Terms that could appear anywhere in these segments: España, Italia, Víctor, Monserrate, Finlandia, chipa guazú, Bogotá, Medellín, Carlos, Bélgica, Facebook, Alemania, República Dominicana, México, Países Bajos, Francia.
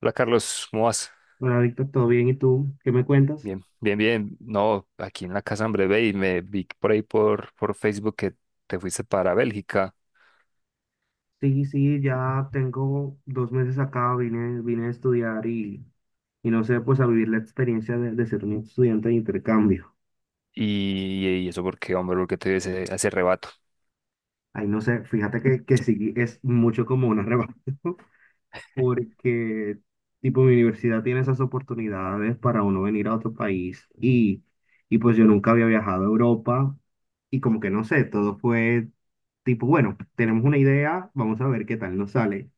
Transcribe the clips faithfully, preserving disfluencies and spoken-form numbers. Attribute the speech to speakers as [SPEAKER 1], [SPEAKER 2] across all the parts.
[SPEAKER 1] Hola Carlos, ¿cómo vas?
[SPEAKER 2] Hola, Víctor, ¿todo bien? ¿Y tú? ¿Qué me cuentas?
[SPEAKER 1] Bien, bien, bien. No, aquí en la casa, hombre, ve y me vi por ahí por, por Facebook que te fuiste para Bélgica.
[SPEAKER 2] Sí, sí, ya tengo dos meses acá, vine, vine a estudiar y, y no sé, pues a vivir la experiencia de, de ser un estudiante de intercambio.
[SPEAKER 1] Y, y eso porque, hombre, porque te dio ese, ese rebato.
[SPEAKER 2] Ahí no sé, fíjate que, que sí es mucho como un arrebato, porque tipo mi universidad tiene esas oportunidades para uno venir a otro país y, y pues yo nunca había viajado a Europa y como que no sé, todo fue tipo, bueno, tenemos una idea, vamos a ver qué tal nos sale.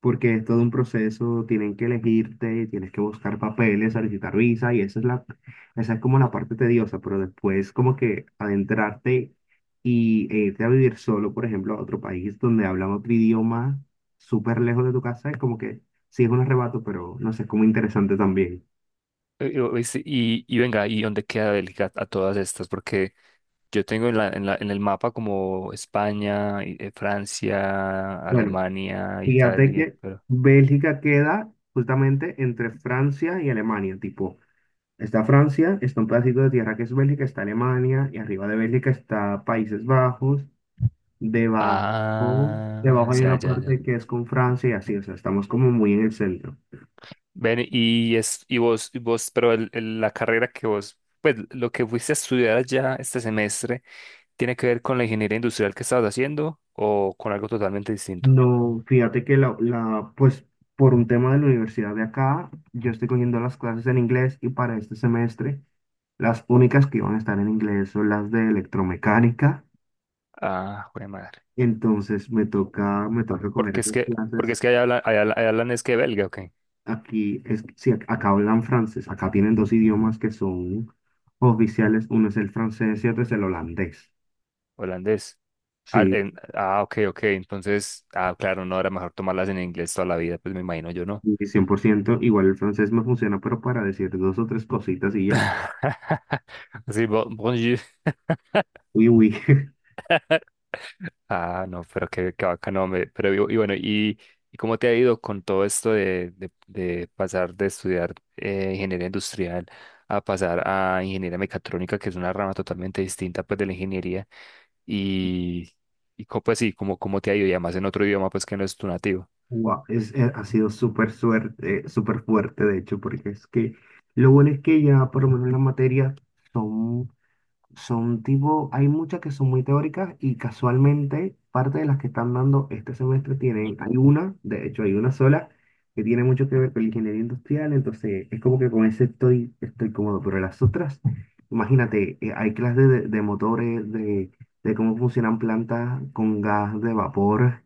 [SPEAKER 2] Porque es todo un proceso, tienen que elegirte, tienes que buscar papeles, solicitar visa y esa es la, esa es como la parte tediosa, pero después como que adentrarte y e irte a vivir solo, por ejemplo, a otro país donde hablan otro idioma súper lejos de tu casa, es como que sí es un arrebato, pero no sé, es como interesante también.
[SPEAKER 1] Eh, eh, oíste, Y, y venga, ¿y dónde queda Bélgica a todas estas? Porque yo tengo en la, en la- en el mapa como España, y- eh, Francia,
[SPEAKER 2] Bueno,
[SPEAKER 1] Alemania,
[SPEAKER 2] fíjate
[SPEAKER 1] Italia,
[SPEAKER 2] que
[SPEAKER 1] pero.
[SPEAKER 2] Bélgica queda justamente entre Francia y Alemania, tipo está Francia, está un pedacito de tierra que es Bélgica, está Alemania, y arriba de Bélgica está Países Bajos, debajo,
[SPEAKER 1] Ah,
[SPEAKER 2] debajo hay
[SPEAKER 1] ya,
[SPEAKER 2] una
[SPEAKER 1] ya,
[SPEAKER 2] parte
[SPEAKER 1] ya.
[SPEAKER 2] que es con Francia y así, o sea, estamos como muy en el centro.
[SPEAKER 1] Ven, y es, y vos, y vos, pero el- el- la carrera que vos, pues lo que fuiste a estudiar allá este semestre, ¿tiene que ver con la ingeniería industrial que estabas haciendo o con algo totalmente distinto?
[SPEAKER 2] No, fíjate que la, la, pues por un tema de la universidad de acá, yo estoy cogiendo las clases en inglés y para este semestre las únicas que iban a estar en inglés son las de electromecánica,
[SPEAKER 1] Ah, jue madre.
[SPEAKER 2] entonces me toca, me toca coger
[SPEAKER 1] Porque es
[SPEAKER 2] esas
[SPEAKER 1] que, porque
[SPEAKER 2] clases.
[SPEAKER 1] es que allá hablan, allá, allá hablan es que belga, ok,
[SPEAKER 2] Aquí, es, sí, ac- acá hablan francés, acá tienen dos idiomas que son oficiales, uno es el francés y otro es el holandés.
[SPEAKER 1] holandés. Ah,
[SPEAKER 2] Sí,
[SPEAKER 1] en- ah, ok, ok, entonces, ah, claro, no, era mejor tomarlas en inglés toda la vida, pues me imagino yo no.
[SPEAKER 2] y cien por ciento igual el francés me funciona, pero para decir dos o tres cositas y ya.
[SPEAKER 1] Así, bo- bonjour.
[SPEAKER 2] Uy, uy,
[SPEAKER 1] Ah, no, pero qué, qué bacano, hombre. Pero y, y bueno, y, ¿y cómo te ha ido con todo esto de, de, de pasar de estudiar eh, ingeniería industrial a pasar a ingeniería mecatrónica, que es una rama totalmente distinta pues de la ingeniería? Y, y co- pues sí, cómo, cómo te ha ido? Y además en otro idioma pues que no es tu nativo.
[SPEAKER 2] Guau, es, eh, ha sido súper suerte, súper fuerte, de hecho, porque es que lo bueno es que ya por lo menos las materias son Son Tipo, hay muchas que son muy teóricas y casualmente parte de las que están dando este semestre tienen, hay una, de hecho hay una sola, que tiene mucho que ver con la ingeniería industrial, entonces es como que con ese estoy, estoy, cómodo, pero las otras, imagínate, eh, hay clases de, de motores, de, de cómo funcionan plantas con gas de vapor,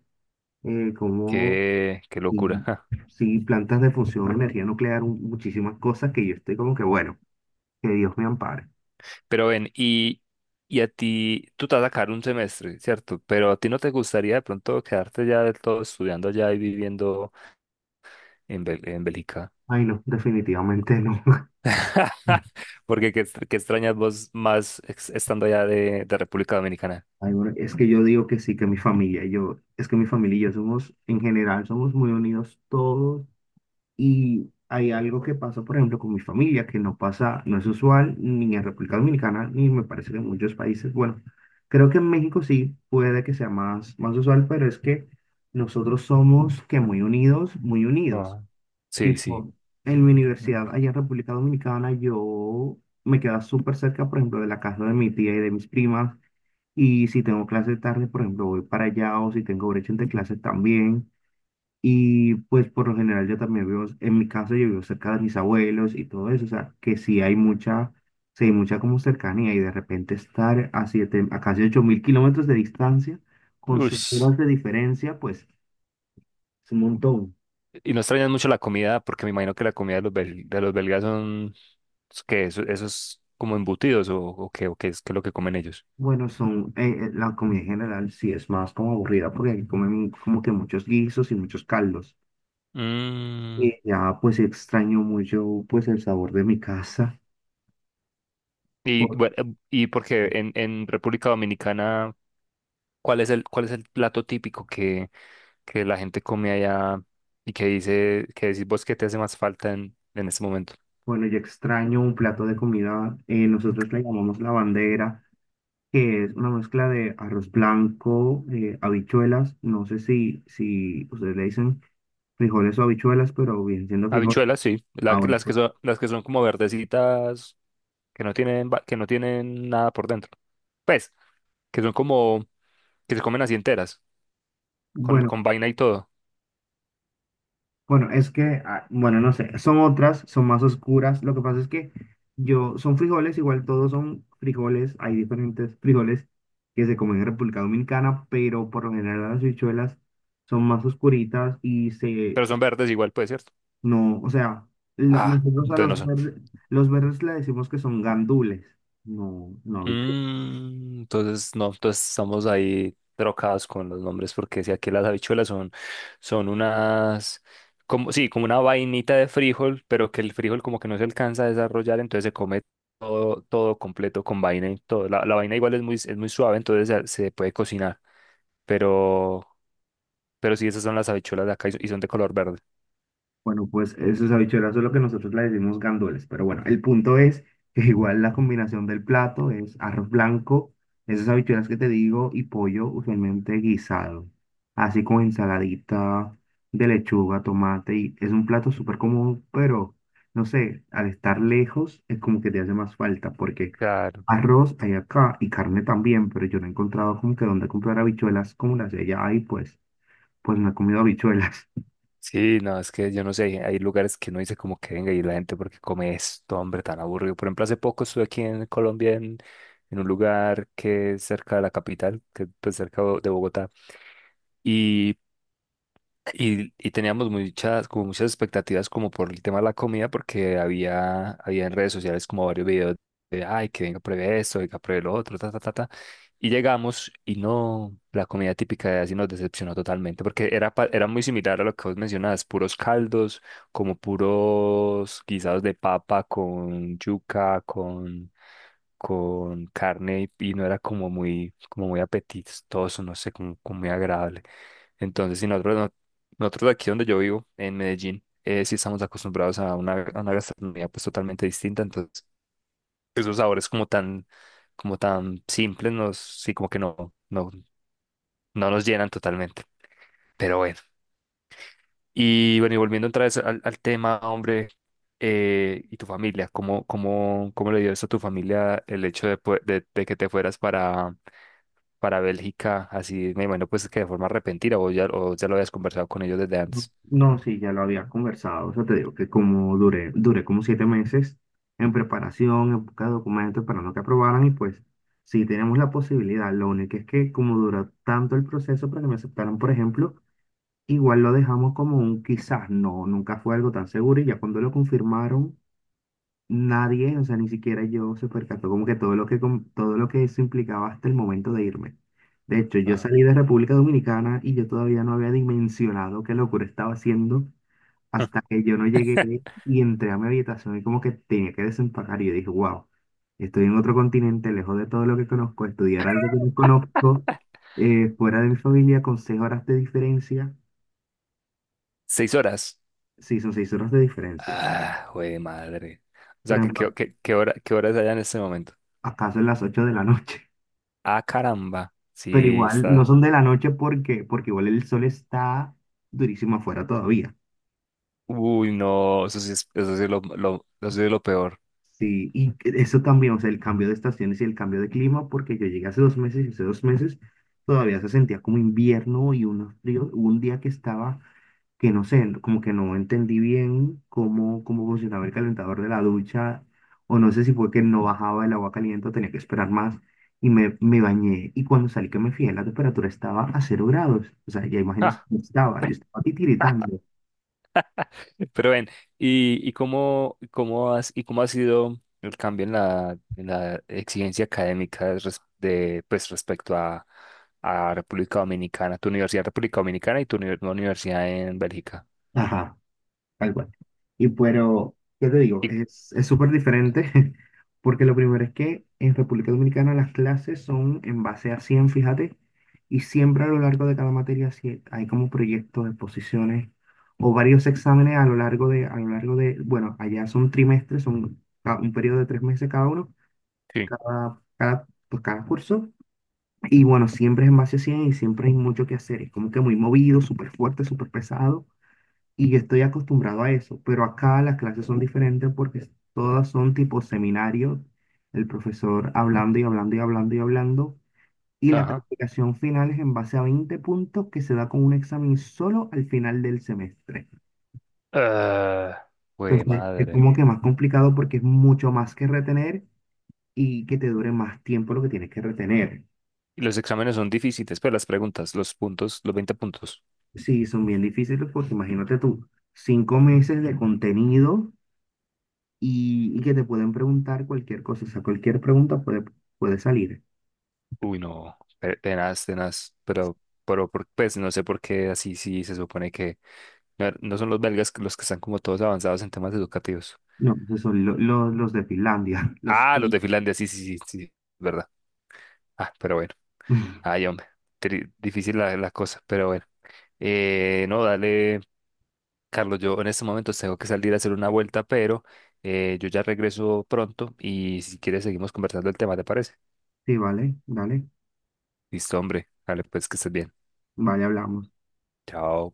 [SPEAKER 2] eh, cómo,
[SPEAKER 1] Qué, qué locura.
[SPEAKER 2] y,
[SPEAKER 1] Ja.
[SPEAKER 2] sí, plantas de función, energía nuclear, un- muchísimas cosas que yo estoy como que, bueno, que Dios me ampare.
[SPEAKER 1] Pero ven, y, y a ti, tú te vas a sacar un semestre, ¿cierto? Pero a ti no te gustaría de pronto quedarte ya del todo estudiando allá y viviendo en, Bel- en Bélgica.
[SPEAKER 2] Ay, no, definitivamente no.
[SPEAKER 1] Porque qué, ex- qué extrañas vos más ex- estando allá de, de República Dominicana.
[SPEAKER 2] Ay, bueno, es que yo digo que sí, que mi familia, yo, es que mi familia y yo somos, en general, somos muy unidos todos y hay algo que pasa, por ejemplo, con mi familia, que no pasa, no es usual ni en República Dominicana, ni me parece que en muchos países, bueno, creo que en México sí puede que sea más, más usual, pero es que nosotros somos que muy unidos, muy unidos.
[SPEAKER 1] Ah, sí, sí.
[SPEAKER 2] Tipo, en mi universidad, allá en República Dominicana, yo me quedaba súper cerca, por ejemplo, de la casa de mi tía y de mis primas. Y si tengo clase tarde, por ejemplo, voy para allá o si tengo brecha entre clases también. Y pues por lo general yo también vivo, en mi caso yo vivo cerca de mis abuelos y todo eso, o sea, que sí hay mucha, sí hay mucha como cercanía y de repente estar a siete, a casi ocho mil kilómetros de distancia, con seis
[SPEAKER 1] Ush.
[SPEAKER 2] horas de diferencia, pues es un montón.
[SPEAKER 1] ¿Y no extrañas mucho la comida? Porque me imagino que la comida de los, bel- de los belgas son, que eso, eso es como embutidos o, o qué, o qué es, qué es lo que comen ellos.
[SPEAKER 2] Bueno, son, eh, eh, la comida en general sí es más como aburrida porque aquí comen como que muchos guisos y muchos caldos.
[SPEAKER 1] Mm.
[SPEAKER 2] Y ya pues extraño mucho pues el sabor de mi casa.
[SPEAKER 1] Y
[SPEAKER 2] Bu-
[SPEAKER 1] bueno, em, y porque en, en República Dominicana, ¿cuál es el, cuál es el plato típico que, que la gente come allá y que dice, que decís vos que te hace más falta en, en este momento?
[SPEAKER 2] Bueno, yo extraño un plato de comida, eh, nosotros le llamamos la bandera, que es una mezcla de arroz blanco, eh, habichuelas, no sé si, si ustedes le dicen frijoles o habichuelas, pero bien siendo frijoles.
[SPEAKER 1] Habichuelas, sí.
[SPEAKER 2] Ah,
[SPEAKER 1] La
[SPEAKER 2] bueno,
[SPEAKER 1] las que
[SPEAKER 2] pues,
[SPEAKER 1] son, las que son como verdecitas, que no tienen, va- que no tienen nada por dentro. Pues, que son como, que se comen así enteras, con,
[SPEAKER 2] bueno,
[SPEAKER 1] con vaina y todo.
[SPEAKER 2] bueno, es que, ah, bueno, no sé, son otras, son más oscuras, lo que pasa es que yo, son frijoles, igual todos son frijoles, hay diferentes frijoles que se comen en República Dominicana, pero por lo general las habichuelas son más oscuritas y se.
[SPEAKER 1] Pero son verdes igual, pues, ¿cierto?
[SPEAKER 2] No, o sea, la-
[SPEAKER 1] Ah,
[SPEAKER 2] nosotros a
[SPEAKER 1] entonces no
[SPEAKER 2] los
[SPEAKER 1] son.
[SPEAKER 2] verdes, los verdes le decimos que son gandules, no, no habichuelas.
[SPEAKER 1] Mm, entonces, no, entonces estamos ahí trocados con los nombres, porque si aquí las habichuelas son, son unas, como, sí, como una vainita de frijol, pero que el frijol como que no se alcanza a desarrollar, entonces se come todo, todo completo con vaina y todo. La, la vaina igual es muy, es muy suave, entonces se, se puede cocinar, pero, pero sí, esas son las habichuelas de acá y son y son de color verde.
[SPEAKER 2] Bueno, pues esas habichuelas es lo que nosotros le decimos gandules, pero bueno, el punto es que igual la combinación del plato es arroz blanco, esas habichuelas que te digo, y pollo usualmente guisado, así como ensaladita de lechuga, tomate, y es un plato súper común, pero no sé, al estar lejos es como que te hace más falta, porque.
[SPEAKER 1] Claro.
[SPEAKER 2] Arroz hay acá y carne también, pero yo no he encontrado como que dónde comprar habichuelas como las de allá y pues, pues no he comido habichuelas.
[SPEAKER 1] Sí, no, es que yo no sé, hay hay lugares que no dice como que venga y la gente porque come esto, hombre, tan aburrido. Por ejemplo, hace poco estuve aquí en Colombia en, en un lugar que es cerca de la capital, que es pues, cerca de Bogotá, y y, y teníamos muchas, como muchas expectativas como por el tema de la comida, porque había, había en redes sociales como varios videos de, ay, que venga, pruebe esto, venga, pruebe lo otro, ta, ta, ta, ta. Y llegamos y no, la comida típica de así nos decepcionó totalmente, porque era, pa- era muy similar a lo que vos mencionabas, puros caldos, como puros guisados de papa con yuca, con, con carne, y, y no era como muy, como muy apetitoso, no sé, como como muy agradable. Entonces, si nosotros no nosotros aquí donde yo vivo, en Medellín, eh, sí estamos acostumbrados a una, a una gastronomía pues totalmente distinta, entonces esos sabores como tan, como tan simples nos, sí como que no, no, no nos llenan totalmente, pero bueno. Y bueno, y volviendo otra vez al, al tema, hombre, eh, y tu familia, ¿cómo, cómo, cómo le dio eso a tu familia el hecho de, pue- de, de que te fueras para, para Bélgica, así, me imagino pues que de forma repentina, o ya, o ya lo habías conversado con ellos desde
[SPEAKER 2] No,
[SPEAKER 1] antes?
[SPEAKER 2] no, sí, ya lo había conversado, o sea, te digo que como duré, duré como siete meses en preparación, en busca de documentos, esperando que aprobaran y pues sí tenemos la posibilidad, lo único es que como duró tanto el proceso para que me aceptaran, por ejemplo, igual lo dejamos como un quizás, no, nunca fue algo tan seguro y ya cuando lo confirmaron nadie, o sea, ni siquiera yo se percató como que todo lo que, com- todo lo que eso implicaba hasta el momento de irme. De hecho, yo
[SPEAKER 1] Ah.
[SPEAKER 2] salí de República Dominicana y yo todavía no había dimensionado qué locura estaba haciendo hasta que yo no llegué y entré a mi habitación y como que tenía que desempacar y yo dije, wow, estoy en otro continente, lejos de todo lo que conozco, estudiar algo que no conozco, eh, fuera de mi familia, con seis horas de diferencia.
[SPEAKER 1] Seis horas.
[SPEAKER 2] Sí, son seis horas de diferencia.
[SPEAKER 1] Ah, güey, madre. O
[SPEAKER 2] Por
[SPEAKER 1] sea, ¿qué, qué,
[SPEAKER 2] ejemplo,
[SPEAKER 1] qué, qué hora, qué horas allá en este momento?
[SPEAKER 2] ¿acaso en las ocho de la noche?
[SPEAKER 1] Ah, caramba.
[SPEAKER 2] Pero
[SPEAKER 1] Sí,
[SPEAKER 2] igual no
[SPEAKER 1] está.
[SPEAKER 2] son de la noche porque, porque igual el sol está durísimo afuera todavía.
[SPEAKER 1] Uy, no, eso sí es, eso sí es lo, lo- eso sí es lo peor.
[SPEAKER 2] Sí, y eso también, o sea, el cambio de estaciones y el cambio de clima, porque yo llegué hace dos meses y hace dos meses todavía se sentía como invierno y un frío, hubo un día que estaba que no sé, como que no entendí bien cómo, cómo, funcionaba el calentador de la ducha, o no sé si fue que no bajaba el agua caliente o tenía que esperar más, y me, me bañé, y cuando salí que me fijé, la temperatura estaba a cero grados, o sea, ya imaginas
[SPEAKER 1] Ah,
[SPEAKER 2] cómo estaba, yo estaba titiritando.
[SPEAKER 1] pero ven, ¿y, y cómo, cómo has, y cómo ha sido el cambio en la, en la exigencia académica res- de, pues, respecto a, a República Dominicana, tu universidad en República Dominicana y tu uni- nueva universidad en Bélgica?
[SPEAKER 2] Ajá. Tal cual. Y pero, ¿qué te digo?
[SPEAKER 1] Y-
[SPEAKER 2] Es, es súper diferente, porque lo primero es que en República Dominicana las clases son en base a cien, fíjate, y siempre a lo largo de cada materia sí hay como proyectos, exposiciones o varios exámenes a lo largo de, a lo largo de, bueno, allá son trimestres, son ca- un periodo de tres meses cada uno,
[SPEAKER 1] Sí.
[SPEAKER 2] cada, cada, pues cada curso, y bueno, siempre es en base a cien y siempre hay mucho que hacer, es como que muy movido, súper fuerte, súper pesado. Y yo estoy acostumbrado a eso, pero acá las clases son diferentes porque todas son tipo seminario, el profesor hablando y hablando y hablando y hablando, y la
[SPEAKER 1] Ajá.
[SPEAKER 2] calificación final es en base a veinte puntos que se da con un examen solo al final del semestre.
[SPEAKER 1] Ah, güey,
[SPEAKER 2] Entonces, es
[SPEAKER 1] madre.
[SPEAKER 2] como que más complicado porque es mucho más que retener y que te dure más tiempo lo que tienes que retener.
[SPEAKER 1] Y los exámenes son difíciles, pero las preguntas, los puntos, los veinte puntos.
[SPEAKER 2] Sí, son bien difíciles porque imagínate tú, cinco meses de contenido y, y que te pueden preguntar cualquier cosa, o sea, cualquier pregunta puede, puede salir.
[SPEAKER 1] Uy, no, pe- tenaz, tenaz, pero, pero por- pues no sé por qué así sí se supone que no, no son los belgas los que están como todos avanzados en temas educativos.
[SPEAKER 2] No, esos son lo- lo- los de Finlandia, los.
[SPEAKER 1] Ah, los
[SPEAKER 2] Sí,
[SPEAKER 1] de Finlandia, sí, sí, sí, sí, verdad. Ah, pero bueno, ay, hombre, tri- difícil la, la cosa, pero bueno. Eh, no, dale, Carlos, yo en este momento tengo que salir a hacer una vuelta, pero eh, yo ya regreso pronto y si quieres seguimos conversando el tema, ¿te parece?
[SPEAKER 2] Sí, vale, dale,
[SPEAKER 1] Listo, hombre. Dale, pues que estés bien.
[SPEAKER 2] vale, hablamos.
[SPEAKER 1] Chao.